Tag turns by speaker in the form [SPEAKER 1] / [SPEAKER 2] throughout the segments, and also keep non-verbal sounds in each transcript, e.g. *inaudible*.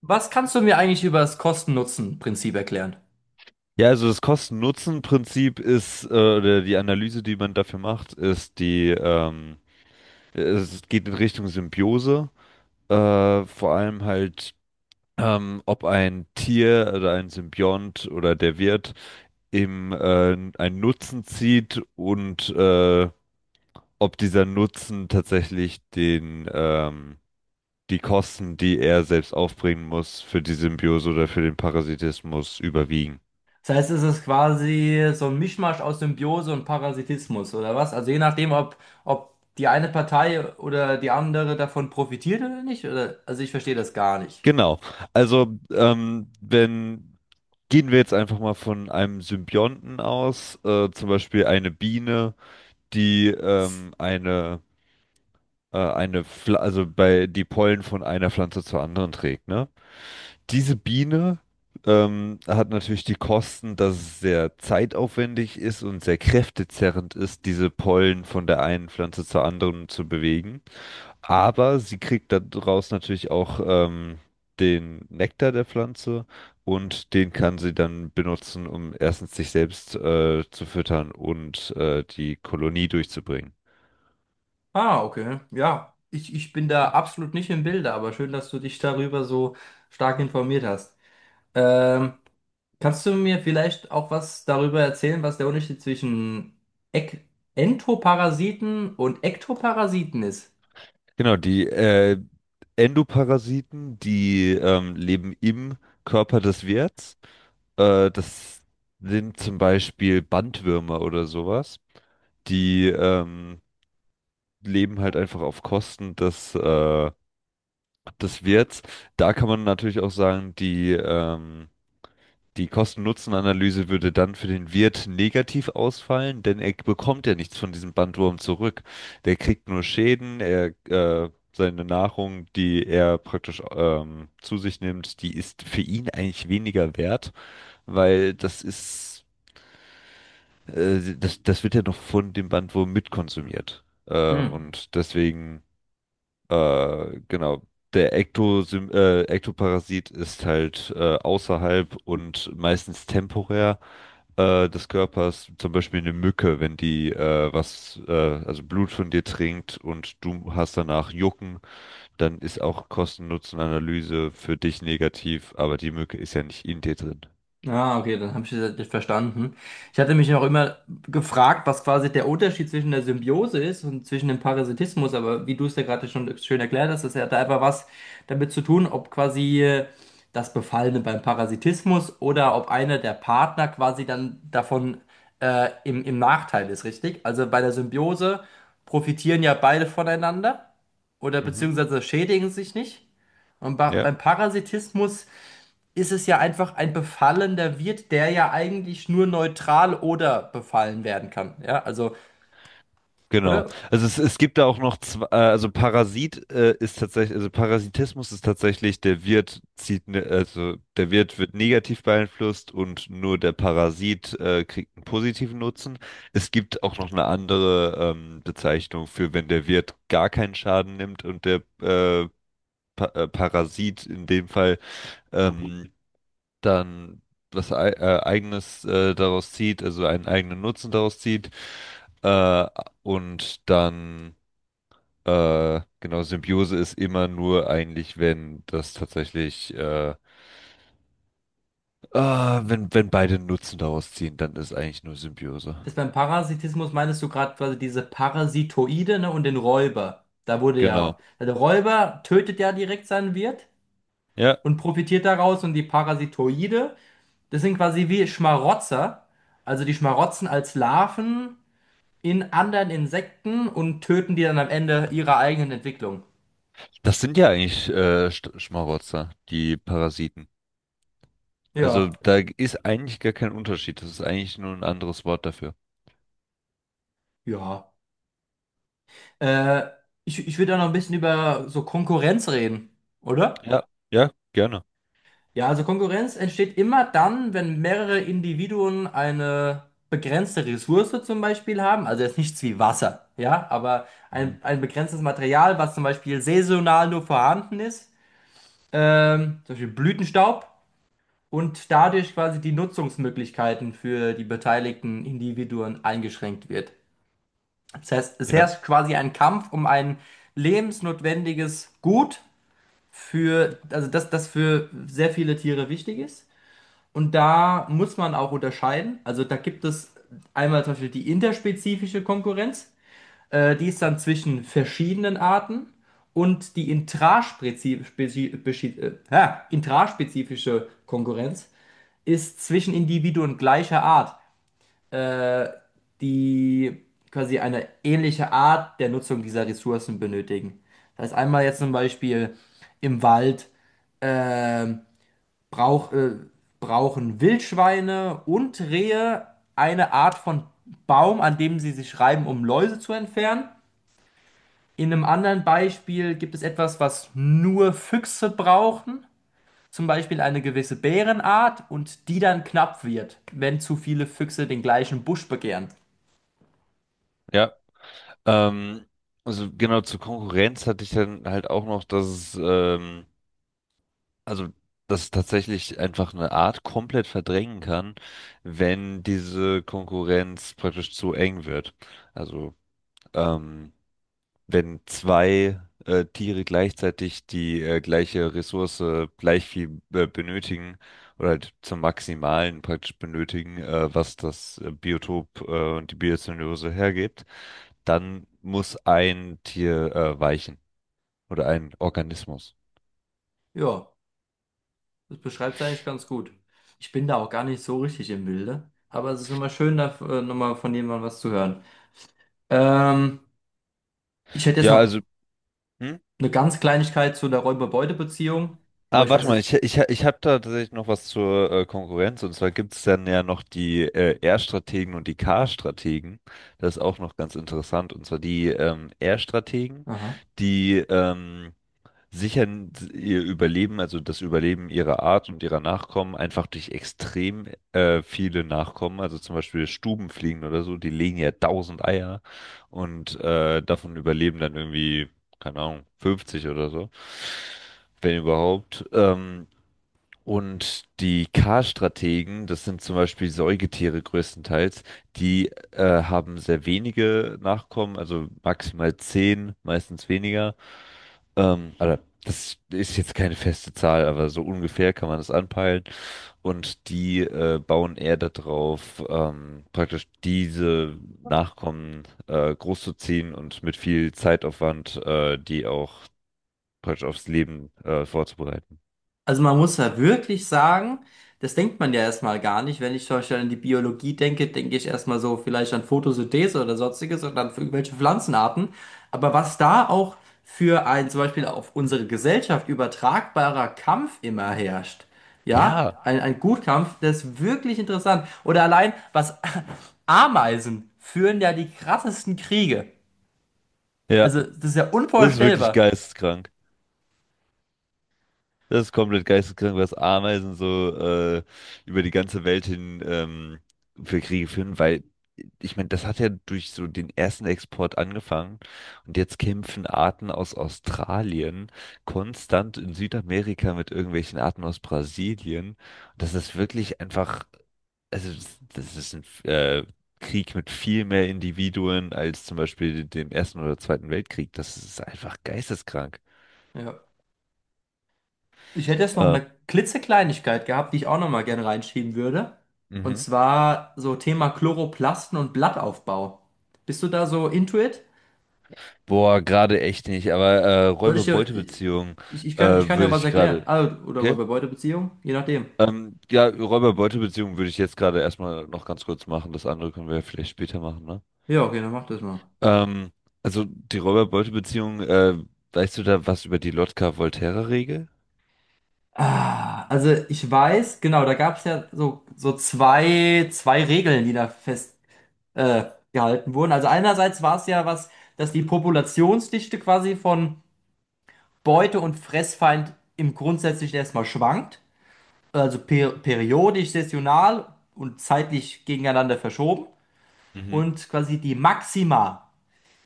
[SPEAKER 1] Was kannst du mir eigentlich über das Kosten-Nutzen-Prinzip erklären?
[SPEAKER 2] Ja, also das Kosten-Nutzen-Prinzip ist, oder die Analyse, die man dafür macht, ist die, es geht in Richtung Symbiose. Vor allem halt, ob ein Tier oder ein Symbiont oder der Wirt eben einen Nutzen zieht und ob dieser Nutzen tatsächlich den, die Kosten, die er selbst aufbringen muss, für die Symbiose oder für den Parasitismus überwiegen.
[SPEAKER 1] Das heißt, es ist quasi so ein Mischmasch aus Symbiose und Parasitismus, oder was? Also je nachdem, ob, ob die eine Partei oder die andere davon profitiert oder nicht, oder? Also ich verstehe das gar nicht.
[SPEAKER 2] Genau. Also, wenn, gehen wir jetzt einfach mal von einem Symbionten aus, zum Beispiel eine Biene, die eine Pfl also bei die Pollen von einer Pflanze zur anderen trägt, ne? Diese Biene hat natürlich die Kosten, dass es sehr zeitaufwendig ist und sehr kräftezerrend ist, diese Pollen von der einen Pflanze zur anderen zu bewegen. Aber sie kriegt daraus natürlich auch den Nektar der Pflanze und den kann sie dann benutzen, um erstens sich selbst zu füttern und die Kolonie durchzubringen.
[SPEAKER 1] Ah, okay. Ja, ich bin da absolut nicht im Bilde, aber schön, dass du dich darüber so stark informiert hast. Ähm, Kannst du mir vielleicht auch was darüber erzählen, was der Unterschied zwischen Ek Entoparasiten und Ektoparasiten ist?
[SPEAKER 2] Genau, die Endoparasiten, die leben im Körper des Wirts. Das sind zum Beispiel Bandwürmer oder sowas. Die leben halt einfach auf Kosten des Das wird's. Da kann man natürlich auch sagen, die Kosten-Nutzen-Analyse würde dann für den Wirt negativ ausfallen, denn er bekommt ja nichts von diesem Bandwurm zurück. Der kriegt nur Schäden, seine Nahrung, die er praktisch zu sich nimmt, die ist für ihn eigentlich weniger wert, weil das wird ja noch von dem Bandwurm mitkonsumiert.
[SPEAKER 1] Hm.
[SPEAKER 2] Und deswegen. Genau. Der Ektosym Ektoparasit ist halt außerhalb und meistens temporär des Körpers. Zum Beispiel eine Mücke, wenn die also Blut von dir trinkt und du hast danach Jucken, dann ist auch Kosten-Nutzen-Analyse für dich negativ, aber die Mücke ist ja nicht in dir drin.
[SPEAKER 1] Ah, okay, dann habe ich das jetzt verstanden. Ich hatte mich auch immer gefragt, was quasi der Unterschied zwischen der Symbiose ist und zwischen dem Parasitismus, aber wie du es ja gerade schon schön erklärt hast, das hat da einfach was damit zu tun, ob quasi das Befallene beim Parasitismus oder ob einer der Partner quasi dann davon im Nachteil ist, richtig? Also bei der Symbiose profitieren ja beide voneinander oder
[SPEAKER 2] Mhm.
[SPEAKER 1] beziehungsweise schädigen sich nicht. Und
[SPEAKER 2] Ja.
[SPEAKER 1] beim Parasitismus ist es ja einfach ein befallener Wirt, der ja eigentlich nur neutral oder befallen werden kann. Ja, also, oder?
[SPEAKER 2] Genau. Also es gibt da auch noch zwei, also Parasit ist tatsächlich, also Parasitismus ist tatsächlich, der Wirt zieht, ne, also der Wirt wird negativ beeinflusst und nur der Parasit kriegt einen positiven Nutzen. Es gibt auch noch eine andere Bezeichnung für, wenn der Wirt gar keinen Schaden nimmt und der äh, pa Parasit in dem Fall ähm, dann was ei eigenes daraus zieht, also einen eigenen Nutzen daraus zieht. Äh, und dann genau, Symbiose ist immer nur eigentlich, wenn das tatsächlich, ah, wenn, wenn beide Nutzen daraus ziehen, dann ist eigentlich nur Symbiose.
[SPEAKER 1] Das beim Parasitismus meinst du gerade quasi diese Parasitoide, ne, und den Räuber. Da wurde
[SPEAKER 2] Genau.
[SPEAKER 1] ja, der Räuber tötet ja direkt seinen Wirt
[SPEAKER 2] Ja,
[SPEAKER 1] und profitiert daraus und die Parasitoide, das sind quasi wie Schmarotzer. Also die schmarotzen als Larven in anderen Insekten und töten die dann am Ende ihrer eigenen Entwicklung.
[SPEAKER 2] das sind ja eigentlich Schmarotzer, die Parasiten.
[SPEAKER 1] Ja,
[SPEAKER 2] Also da ist eigentlich gar kein Unterschied. Das ist eigentlich nur ein anderes Wort dafür.
[SPEAKER 1] ja. Äh, ich würde da noch ein bisschen über so Konkurrenz reden, oder?
[SPEAKER 2] Ja, ja, gerne.
[SPEAKER 1] Ja, also Konkurrenz entsteht immer dann, wenn mehrere Individuen eine begrenzte Ressource zum Beispiel haben, also jetzt nichts wie Wasser, ja, aber ein,
[SPEAKER 2] Mhm.
[SPEAKER 1] ein begrenztes Material, was zum Beispiel saisonal nur vorhanden ist, zum Beispiel Blütenstaub, und dadurch quasi die Nutzungsmöglichkeiten für die beteiligten Individuen eingeschränkt wird. Das heißt, es
[SPEAKER 2] Ja,
[SPEAKER 1] herrscht quasi ein Kampf um ein lebensnotwendiges Gut für, also dass das für sehr viele Tiere wichtig ist. Und da muss man auch unterscheiden. Also da gibt es einmal zum Beispiel die interspezifische Konkurrenz, die ist dann zwischen verschiedenen Arten, und die intraspezifische Konkurrenz ist zwischen Individuen gleicher Art, die quasi eine ähnliche Art der Nutzung dieser Ressourcen benötigen. Das heißt einmal jetzt zum Beispiel im Wald brauch, äh, brauchen Wildschweine und Rehe eine Art von Baum, an dem sie sich reiben, um Läuse zu entfernen. In einem anderen Beispiel gibt es etwas, was nur Füchse brauchen, zum Beispiel eine gewisse Bärenart, und die dann knapp wird, wenn zu viele Füchse den gleichen Busch begehren.
[SPEAKER 2] ja. Ähm, also genau zur Konkurrenz hatte ich dann halt auch noch, dass es also, dass es tatsächlich einfach eine Art komplett verdrängen kann, wenn diese Konkurrenz praktisch zu eng wird. Also, ähm, wenn zwei Tiere gleichzeitig die gleiche Ressource gleich viel benötigen oder halt zum Maximalen praktisch benötigen, was das Biotop und die Biozönose hergibt, dann muss ein Tier weichen oder ein Organismus.
[SPEAKER 1] Ja, das beschreibt es eigentlich ganz gut. Ich bin da auch gar nicht so richtig im Bilde, aber es ist immer schön, da nochmal von jemandem was zu hören. Ähm, ich hätte jetzt
[SPEAKER 2] Ja,
[SPEAKER 1] noch
[SPEAKER 2] also Hm?
[SPEAKER 1] eine ganz Kleinigkeit zu der Räuber-Beute-Beziehung, aber
[SPEAKER 2] Ah,
[SPEAKER 1] ich weiß
[SPEAKER 2] warte mal,
[SPEAKER 1] jetzt.
[SPEAKER 2] ich habe da tatsächlich noch was zur Konkurrenz. Und zwar gibt es dann ja noch die R-Strategen und die K-Strategen. Das ist auch noch ganz interessant. Und zwar die R-Strategen,
[SPEAKER 1] Aha.
[SPEAKER 2] die sichern ihr Überleben, also das Überleben ihrer Art und ihrer Nachkommen, einfach durch extrem viele Nachkommen, also zum Beispiel Stubenfliegen oder so, die legen ja 1000 Eier und davon überleben dann irgendwie, keine Ahnung, 50 oder so, wenn überhaupt. Und die K-Strategen, das sind zum Beispiel Säugetiere größtenteils, die haben sehr wenige Nachkommen, also maximal 10, meistens weniger. Also das ist jetzt keine feste Zahl, aber so ungefähr kann man das anpeilen. Und die bauen eher darauf, praktisch diese Nachkommen großzuziehen und mit viel Zeitaufwand die auch praktisch aufs Leben vorzubereiten.
[SPEAKER 1] Also man muss ja wirklich sagen, das denkt man ja erstmal gar nicht. Wenn ich zum Beispiel an die Biologie denke, denke ich erstmal so vielleicht an Photosynthese oder sonstiges und dann für irgendwelche Pflanzenarten. Aber was da auch für ein zum Beispiel auf unsere Gesellschaft übertragbarer Kampf immer herrscht, ja,
[SPEAKER 2] Ja,
[SPEAKER 1] ein Gutkampf, das ist wirklich interessant. Oder allein, was *laughs* Ameisen führen ja die krassesten Kriege.
[SPEAKER 2] ja,
[SPEAKER 1] Also das ist ja
[SPEAKER 2] das ist wirklich
[SPEAKER 1] unvorstellbar.
[SPEAKER 2] geisteskrank. Das ist komplett geisteskrank, was Ameisen so über die ganze Welt hin für Kriege führen, weil ich meine, das hat ja durch so den ersten Export angefangen und jetzt kämpfen Arten aus Australien konstant in Südamerika mit irgendwelchen Arten aus Brasilien. Das ist wirklich einfach, also das ist ein äh, Krieg mit viel mehr Individuen als zum Beispiel dem Ersten oder Zweiten Weltkrieg. Das ist einfach geisteskrank.
[SPEAKER 1] Ja. Ich hätte jetzt noch
[SPEAKER 2] Äh,
[SPEAKER 1] eine klitzekleinigkeit gehabt, die ich auch noch mal gerne reinschieben würde. Und
[SPEAKER 2] mhm.
[SPEAKER 1] zwar so Thema Chloroplasten und Blattaufbau. Bist du da so into it?
[SPEAKER 2] Boah, gerade echt nicht, aber
[SPEAKER 1] Soll ich dir,
[SPEAKER 2] Räuber-Beute-Beziehung
[SPEAKER 1] ich kann, ich kann dir
[SPEAKER 2] würde
[SPEAKER 1] was
[SPEAKER 2] ich
[SPEAKER 1] erklären.
[SPEAKER 2] gerade.
[SPEAKER 1] Also, oder
[SPEAKER 2] Okay?
[SPEAKER 1] Räuber-Beute-Beziehung, je nachdem.
[SPEAKER 2] Ja, Räuber-Beute-Beziehung würde ich jetzt gerade erstmal noch ganz kurz machen. Das andere können wir ja vielleicht später machen, ne?
[SPEAKER 1] Ja, okay, dann mach das mal.
[SPEAKER 2] Ähm, also die Räuber-Beute-Beziehung, weißt du da was über die Lotka-Volterra-Regel?
[SPEAKER 1] Ah, also ich weiß, genau, da gab es ja so, so zwei Regeln, die da festgehalten äh, gehalten wurden. Also einerseits war es ja was, dass die Populationsdichte quasi von Beute- und Fressfeind im grundsätzlich erstmal schwankt, also periodisch, saisonal und zeitlich gegeneinander verschoben.
[SPEAKER 2] Mhm.
[SPEAKER 1] Und quasi die Maxima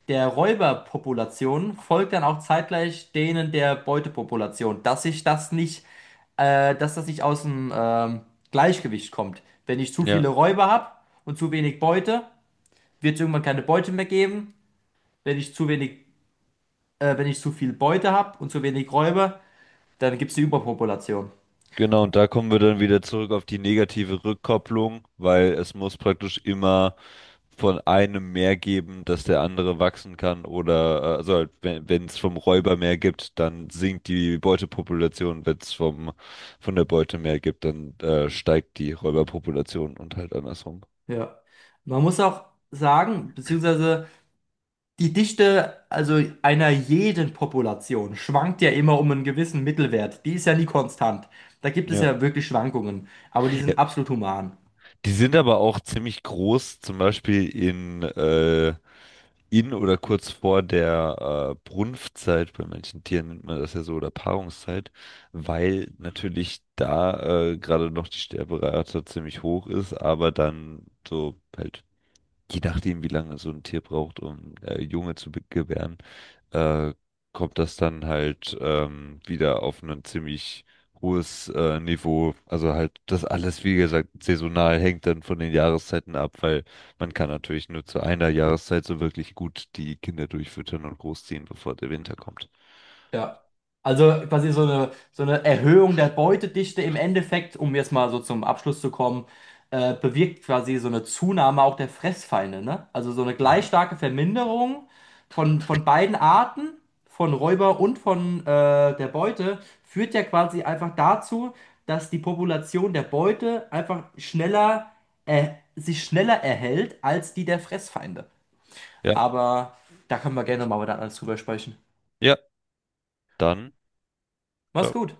[SPEAKER 1] der Räuberpopulation folgt dann auch zeitgleich denen der Beutepopulation, dass sich dass das nicht aus dem Gleichgewicht kommt. Wenn ich zu
[SPEAKER 2] Ja.
[SPEAKER 1] viele Räuber habe und zu wenig Beute, wird es irgendwann keine Beute mehr geben. Wenn ich zu wenig, wenn ich zu viel Beute habe und zu wenig Räuber, dann gibt es eine Überpopulation.
[SPEAKER 2] Genau, und da kommen wir dann wieder zurück auf die negative Rückkopplung, weil es muss praktisch immer von einem mehr geben, dass der andere wachsen kann, wenn es vom Räuber mehr gibt, dann sinkt die Beutepopulation, wenn es vom von der Beute mehr gibt, dann steigt die Räuberpopulation und halt andersrum.
[SPEAKER 1] Ja, man muss auch sagen, beziehungsweise die Dichte, also einer jeden Population, schwankt ja immer um einen gewissen Mittelwert. Die ist ja nie konstant. Da gibt es
[SPEAKER 2] Ja.
[SPEAKER 1] ja wirklich Schwankungen, aber die
[SPEAKER 2] Ja,
[SPEAKER 1] sind absolut human.
[SPEAKER 2] die sind aber auch ziemlich groß, zum Beispiel in oder kurz vor der Brunftzeit, bei manchen Tieren nennt man das ja so, oder Paarungszeit, weil natürlich da gerade noch die Sterberate ziemlich hoch ist, aber dann so halt, je nachdem, wie lange so ein Tier braucht, um Junge zu gebären, äh, kommt das dann halt wieder auf ein ziemlich hohes Niveau. Also halt das alles, wie gesagt, saisonal hängt dann von den Jahreszeiten ab, weil man kann natürlich nur zu einer Jahreszeit so wirklich gut die Kinder durchfüttern und großziehen, bevor der Winter kommt.
[SPEAKER 1] Ja. Also quasi so eine Erhöhung der Beutedichte im Endeffekt, um jetzt mal so zum Abschluss zu kommen, bewirkt quasi so eine Zunahme auch der Fressfeinde, ne? Also so eine gleich
[SPEAKER 2] Mhm.
[SPEAKER 1] starke Verminderung von beiden Arten, von Räuber und von der Beute, führt ja quasi einfach dazu, dass die Population der Beute einfach sich schneller erhält als die der Fressfeinde.
[SPEAKER 2] Ja,
[SPEAKER 1] Aber da können wir gerne mal wieder alles drüber sprechen.
[SPEAKER 2] ja, dann.
[SPEAKER 1] Mach's
[SPEAKER 2] Ciao.
[SPEAKER 1] gut!